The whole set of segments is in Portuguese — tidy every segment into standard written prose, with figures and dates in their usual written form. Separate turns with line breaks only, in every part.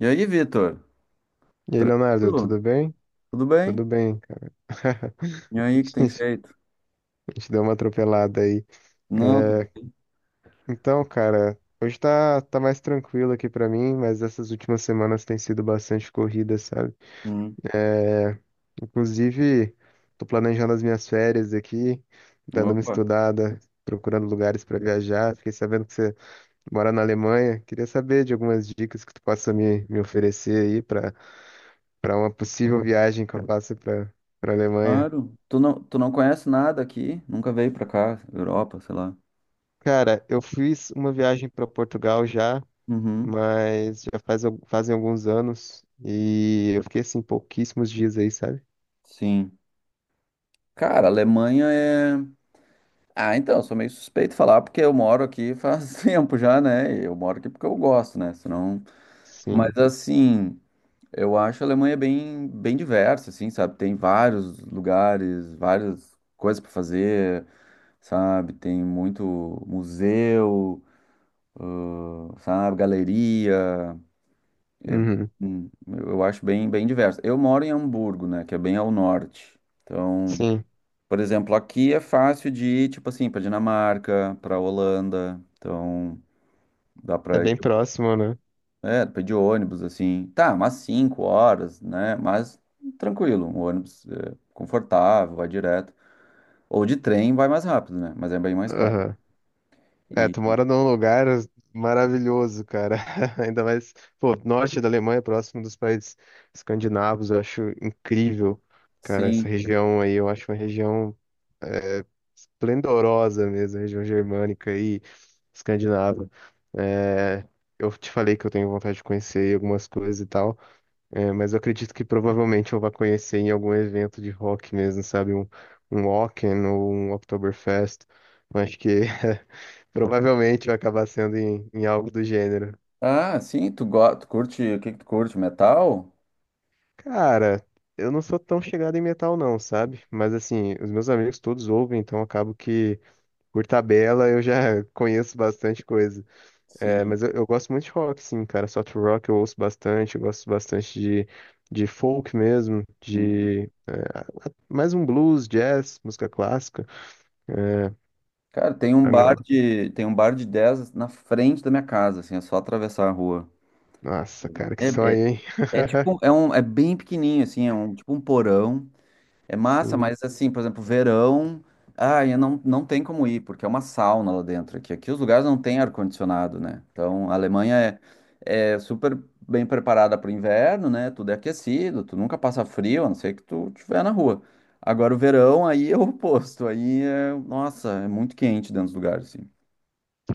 E aí, Vitor?
E aí, Leonardo, tudo
Tranquilo?
bem?
Tudo bem?
Tudo bem, cara.
E aí,
A
que tem
gente
feito?
a gente deu uma atropelada aí.
Não, tudo
É,
bem.
então, cara, hoje tá mais tranquilo aqui pra mim, mas essas últimas semanas tem sido bastante corrida, sabe?
Hum.
É, Inclusive, tô planejando as minhas férias aqui, dando uma
Opa,
estudada, procurando lugares pra viajar. Fiquei sabendo que você mora na Alemanha. Queria saber de algumas dicas que tu possa me oferecer aí pra para uma possível viagem que eu faça pra para Alemanha.
claro. Tu não conhece nada aqui? Nunca veio pra cá, Europa, sei lá.
Cara, eu fiz uma viagem para Portugal já,
Uhum.
mas já faz, fazem alguns anos e eu fiquei assim pouquíssimos dias aí, sabe?
Sim. Cara, Alemanha é. Ah, então, eu sou meio suspeito de falar porque eu moro aqui faz tempo já, né? E eu moro aqui porque eu gosto, né? Senão... Mas
Sim.
assim, eu acho a Alemanha bem diversa, assim, sabe? Tem vários lugares, várias coisas pra fazer. Sabe? Tem muito museu, sabe? Galeria. É,
Uhum.
eu acho bem diverso. Eu moro em Hamburgo, né? Que é bem ao norte. Então,
Sim.
por exemplo, aqui é fácil de ir, tipo assim, para Dinamarca, para Holanda. Então, dá
É
para ir,
bem próximo, né?
é, dá pra ir de ônibus, assim. Tá, umas cinco horas, né? Mas tranquilo, um ônibus é, confortável, vai direto. Ou de trem vai mais rápido, né? Mas é bem mais caro.
Aham. É,
E
tu mora num lugar maravilhoso, cara. Ainda mais, pô, norte da Alemanha, próximo dos países escandinavos, eu acho incrível, cara, essa
sim.
região aí, eu acho uma região esplendorosa mesmo, a região germânica e escandinava. É, eu te falei que eu tenho vontade de conhecer algumas coisas e tal, é, mas eu acredito que provavelmente eu vá conhecer em algum evento de rock mesmo, sabe? Um Wacken ou um Oktoberfest. Eu acho que provavelmente vai acabar sendo em algo do gênero.
Ah, sim, tu, tu curte, o que que tu curte? Metal?
Cara, eu não sou tão chegado em metal não, sabe? Mas assim, os meus amigos todos ouvem, então acabo que, por tabela, eu já conheço bastante coisa. É,
Sim.
eu gosto muito de rock, sim, cara. Soft rock eu ouço bastante, eu gosto bastante de folk mesmo,
Uhum.
mais um blues, jazz, música clássica. É,
Cara,
agora.
tem um bar de 10 na frente da minha casa, assim, é só atravessar a rua.
Nossa, cara, que
É, é,
sonho, hein?
é tipo, é bem pequenininho, assim, é um, tipo um porão. É massa,
Sim,
mas assim, por exemplo, verão, ai, não, não tem como ir, porque é uma sauna lá dentro aqui. Aqui os lugares não têm ar-condicionado, né? Então a Alemanha é, é super bem preparada para o inverno, né? Tudo é aquecido, tu nunca passa frio, a não ser que tu estiver na rua. Agora o verão aí é o oposto, aí é, nossa, é muito quente dentro dos lugares, assim.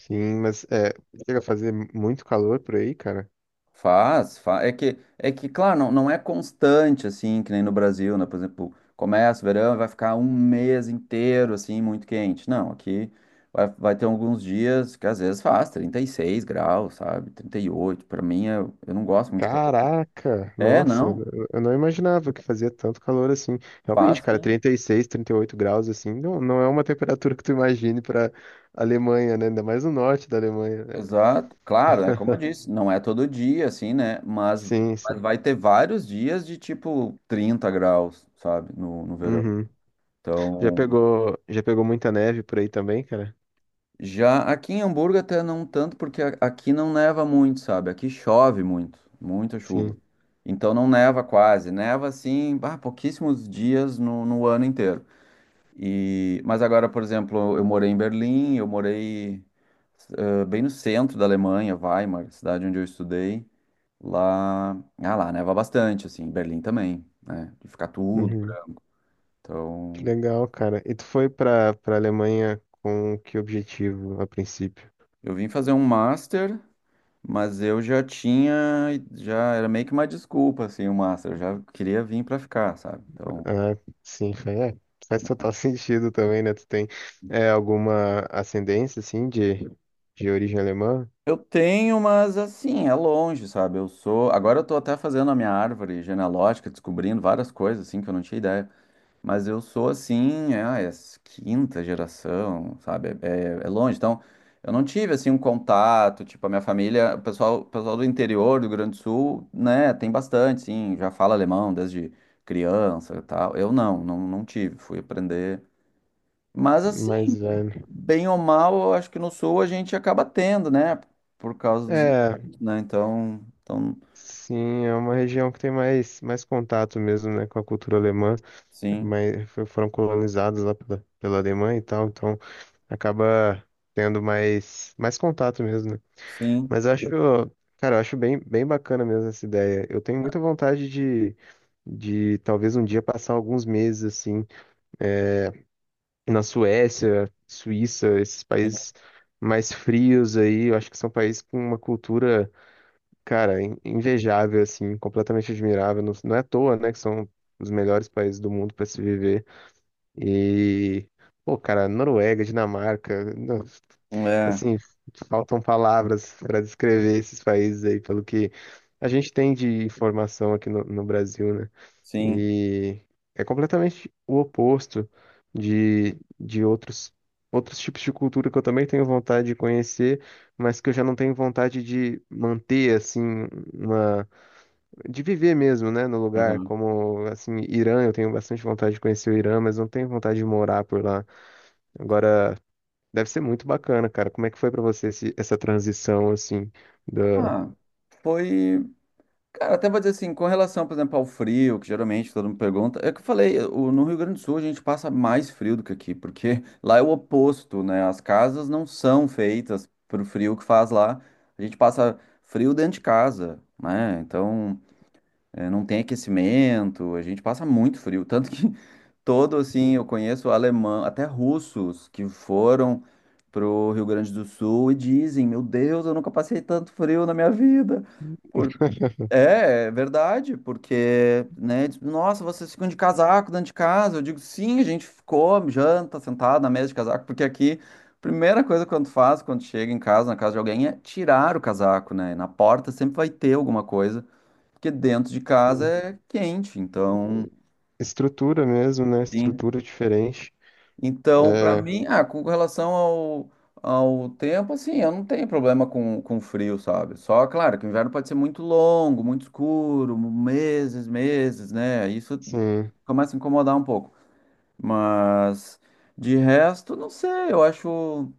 sim, mas é, chega a fazer muito calor por aí, cara.
Faz, faz. Claro, não é constante, assim, que nem no Brasil, né? Por exemplo, começa o verão e vai ficar um mês inteiro, assim, muito quente. Não, aqui vai ter alguns dias que às vezes faz 36 graus, sabe? 38. Para mim, eu não gosto muito de calor.
Caraca,
É,
nossa,
não,
eu não imaginava que fazia tanto calor assim. Realmente,
faz
cara,
sim.
36, 38 graus assim, não, não é uma temperatura que tu imagine pra Alemanha, né? Ainda mais no norte da Alemanha, né?
Exato. Claro, é como eu disse, não é todo dia, assim, né?
Sim, sim.
Mas vai ter vários dias de, tipo, 30 graus, sabe? No verão.
Uhum.
Então.
Já pegou muita neve por aí também, cara?
Já aqui em Hamburgo até não tanto, porque aqui não neva muito, sabe? Aqui chove muito, muita chuva.
Sim.
Então não neva quase, neva assim, ah, pouquíssimos dias no ano inteiro. E, mas agora, por exemplo, eu morei em Berlim, bem no centro da Alemanha, Weimar, cidade onde eu estudei. Lá, ah, lá neva bastante, assim, em Berlim também, né? De ficar tudo.
Uhum.
Né?
Que
Então,
legal, cara. E tu foi pra Alemanha com que objetivo a princípio?
eu vim fazer um master. Mas eu já tinha, já era meio que uma desculpa, assim, o Master. Eu já queria vir pra ficar, sabe? Então,
Ah, sim, foi, é, faz total sentido também, né? Tu tem é, alguma ascendência, assim, de origem alemã?
eu tenho, mas assim, é longe, sabe? Eu sou. Agora eu tô até fazendo a minha árvore genealógica, descobrindo várias coisas, assim, que eu não tinha ideia. Mas eu sou assim, quinta geração, sabe? É longe. Então, eu não tive assim um contato, tipo, a minha família, o pessoal do interior do Rio Grande do Sul, né, tem bastante, sim, já fala alemão desde criança e tal. Eu não, não tive, fui aprender. Mas assim,
Mais velho.
bem ou mal, eu acho que no Sul a gente acaba tendo, né? Por causa dos,
É,
impostos, né? Então,
sim, é uma região que tem mais, mais contato mesmo, né, com a cultura alemã,
sim,
mas foram colonizados lá pela, pela Alemanha e tal, então acaba tendo mais, mais contato mesmo, né?
sim,
Mas eu acho, cara, eu acho bem, bem bacana mesmo essa ideia. Eu tenho muita vontade de talvez um dia passar alguns meses assim na Suécia, Suíça, esses
sim,
países mais frios aí. Eu acho que são países com uma cultura, cara, invejável assim, completamente admirável. Não, não é à toa, né, que são os melhores países do mundo para se viver. E pô, cara, Noruega, Dinamarca,
é,
assim, faltam palavras para descrever esses países aí, pelo que a gente tem de informação aqui no Brasil, né?
sim.
E é completamente o oposto de outros, outros tipos de cultura que eu também tenho vontade de conhecer, mas que eu já não tenho vontade de manter, assim, uma... de viver mesmo, né, no lugar,
Uhum.
como, assim, Irã, eu tenho bastante vontade de conhecer o Irã, mas não tenho vontade de morar por lá. Agora, deve ser muito bacana, cara. Como é que foi pra você essa transição, assim, da
Ah, foi. Cara, até vou dizer assim, com relação, por exemplo, ao frio, que geralmente todo mundo pergunta, é que eu falei, no Rio Grande do Sul a gente passa mais frio do que aqui, porque lá é o oposto, né? As casas não são feitas pro frio que faz lá. A gente passa frio dentro de casa, né? Então, é, não tem aquecimento, a gente passa muito frio. Tanto que todo, assim, eu conheço alemão, até russos que foram pro Rio Grande do Sul e dizem, meu Deus, eu nunca passei tanto frio na minha vida. É, é verdade, porque, né, diz, nossa, vocês ficam de casaco dentro de casa. Eu digo, sim, a gente ficou, janta, sentado na mesa de casaco, porque aqui, primeira coisa que tu faz quando chega em casa, na casa de alguém, é tirar o casaco, né? Na porta sempre vai ter alguma coisa, porque dentro de casa é quente, então,
estrutura mesmo, né?
sim.
Estrutura diferente.
Então, para
É,
mim, ah, com relação ao, ao tempo, assim, eu não tenho problema com frio, sabe? Só, claro, que o inverno pode ser muito longo, muito escuro, meses, meses, né? Isso
sim.
começa a incomodar um pouco. Mas, de resto, não sei,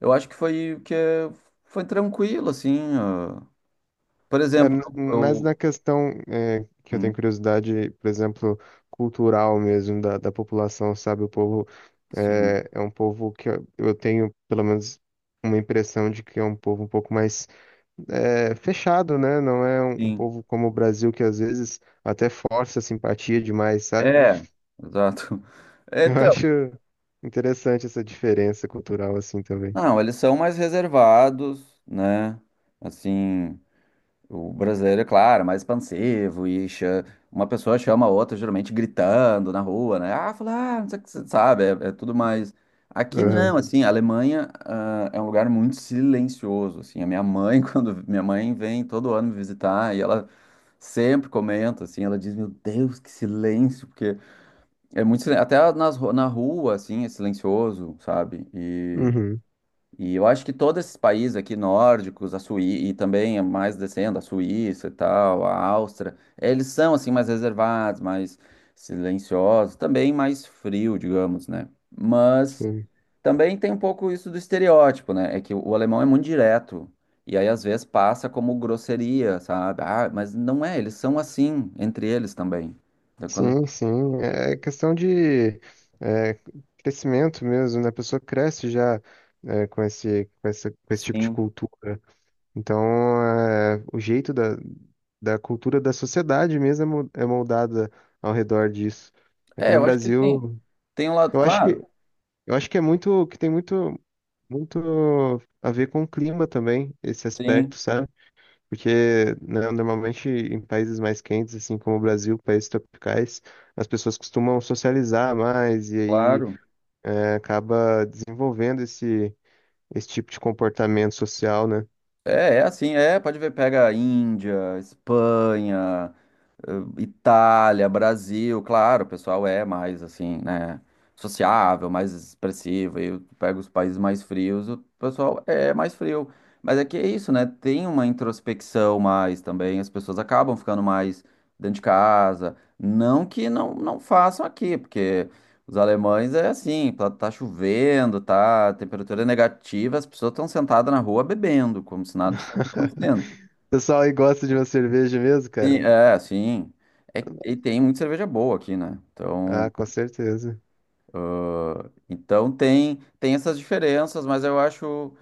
eu acho que foi, que é- foi tranquilo, assim. Ah. Por
É,
exemplo,
mas
eu...
na questão, é, que eu tenho
Hum,
curiosidade, por exemplo, cultural mesmo, da, da população, sabe? O povo
sim,
é, é um povo que eu tenho, pelo menos, uma impressão de que é um povo um pouco mais é, fechado, né? Não é um, um
sim.
povo como o Brasil, que às vezes até força a simpatia demais, sabe?
É, exato. É,
Eu acho interessante essa diferença cultural assim também.
não, eles são mais reservados, né? Assim, o brasileiro, é claro, é mais expansivo uma pessoa chama a outra, geralmente gritando na rua, né? Ah, fala, ah, não sei o que você sabe, é, é tudo mais. Aqui
Aham.
não, assim, a Alemanha, ah, é um lugar muito silencioso, assim. A minha mãe, quando minha mãe vem todo ano me visitar e ela sempre comenta, assim, ela diz, meu Deus, que silêncio, porque é até nas, na rua, assim, é silencioso, sabe?
Uhum.
E eu acho que todos esses países aqui nórdicos, a Suí e também mais descendo, a Suíça e tal, a Áustria, eles são assim mais reservados, mais silenciosos, também mais frio, digamos, né? Mas
Sim,
também tem um pouco isso do estereótipo, né? É que o alemão é muito direto e aí às vezes passa como grosseria, sabe? Ah, mas não é, eles são assim entre eles também. Então, quando...
sim, sim. É questão de é, crescimento mesmo, né? A pessoa cresce já é, com esse, com essa, com esse tipo de
Sim.
cultura. Então, é, o jeito da, da cultura da sociedade mesmo é é moldada ao redor disso. Aqui
É,
no
eu acho que sim.
Brasil,
Tem um lado,
eu acho
claro.
que, eu acho que é muito, que tem muito, muito a ver com o clima também, esse
Sim,
aspecto, sabe? Porque, né, normalmente em países mais quentes, assim como o Brasil, países tropicais, as pessoas costumam socializar mais e aí
claro.
é, acaba desenvolvendo esse, esse tipo de comportamento social, né?
É, é assim, é, pode ver, pega Índia, Espanha, eh, Itália, Brasil, claro, o pessoal é mais assim, né, sociável, mais expressivo, aí eu pego os países mais frios, o pessoal é mais frio, mas é que é isso, né, tem uma introspecção mais também, as pessoas acabam ficando mais dentro de casa, não que não façam aqui, porque os alemães é assim, tá chovendo, tá, a temperatura é negativa, as pessoas estão sentadas na rua bebendo, como se nada estivesse acontecendo.
O pessoal aí gosta de uma cerveja mesmo, cara?
Sim. É, e tem muita cerveja boa aqui, né?
Ah,
Então,
com certeza.
então tem, tem essas diferenças, mas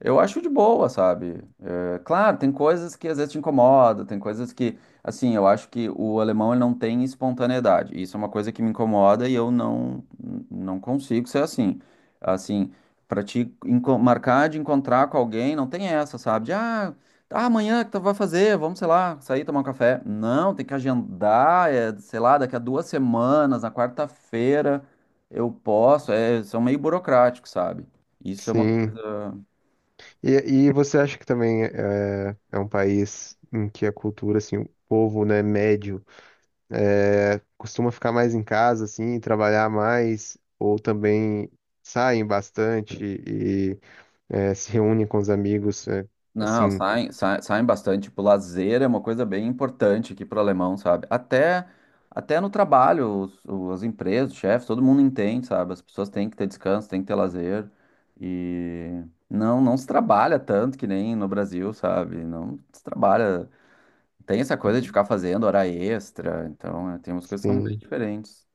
eu acho de boa, sabe? É, claro, tem coisas que às vezes te incomodam, tem coisas que, assim, eu acho que o alemão ele não tem espontaneidade. Isso é uma coisa que me incomoda e eu não não consigo ser assim. Assim, para marcar de encontrar com alguém, não tem essa, sabe? Ah, amanhã que tu vai fazer? Vamos, sei lá, sair tomar um café. Não, tem que agendar, é, sei lá, daqui a duas semanas, na quarta-feira. Eu posso, é, são meio burocráticos, sabe? Isso é uma
Sim.
coisa.
E, e você acha que também é, é um país em que a cultura, assim, o povo, né, médio, é, costuma ficar mais em casa, assim, trabalhar mais, ou também saem bastante e é, se reúnem com os amigos, é,
Não,
assim,
saem, saem, bastante. Tipo, lazer é uma coisa bem importante aqui para o alemão, sabe? Até no trabalho, as empresas, os chefes, todo mundo entende, sabe? As pessoas têm que ter descanso, têm que ter lazer. E não se trabalha tanto que nem no Brasil, sabe? Não se trabalha. Tem essa coisa de ficar fazendo hora extra, então é, tem umas coisas que são bem
sim.
diferentes.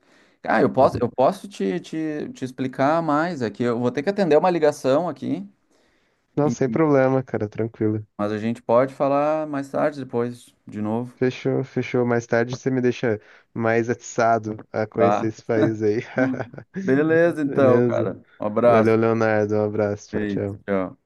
Ah, eu posso te explicar mais aqui. Eu vou ter que atender uma ligação aqui,
Não, sem
e-
problema, cara, tranquilo.
mas a gente pode falar mais tarde, depois, de novo.
Fechou, fechou. Mais tarde você me deixa mais atiçado a conhecer
Tá?
esse país aí.
Beleza, então,
Beleza?
cara. Um abraço.
Valeu, Leonardo. Um abraço. Tchau,
Feito.
tchau.
Tchau.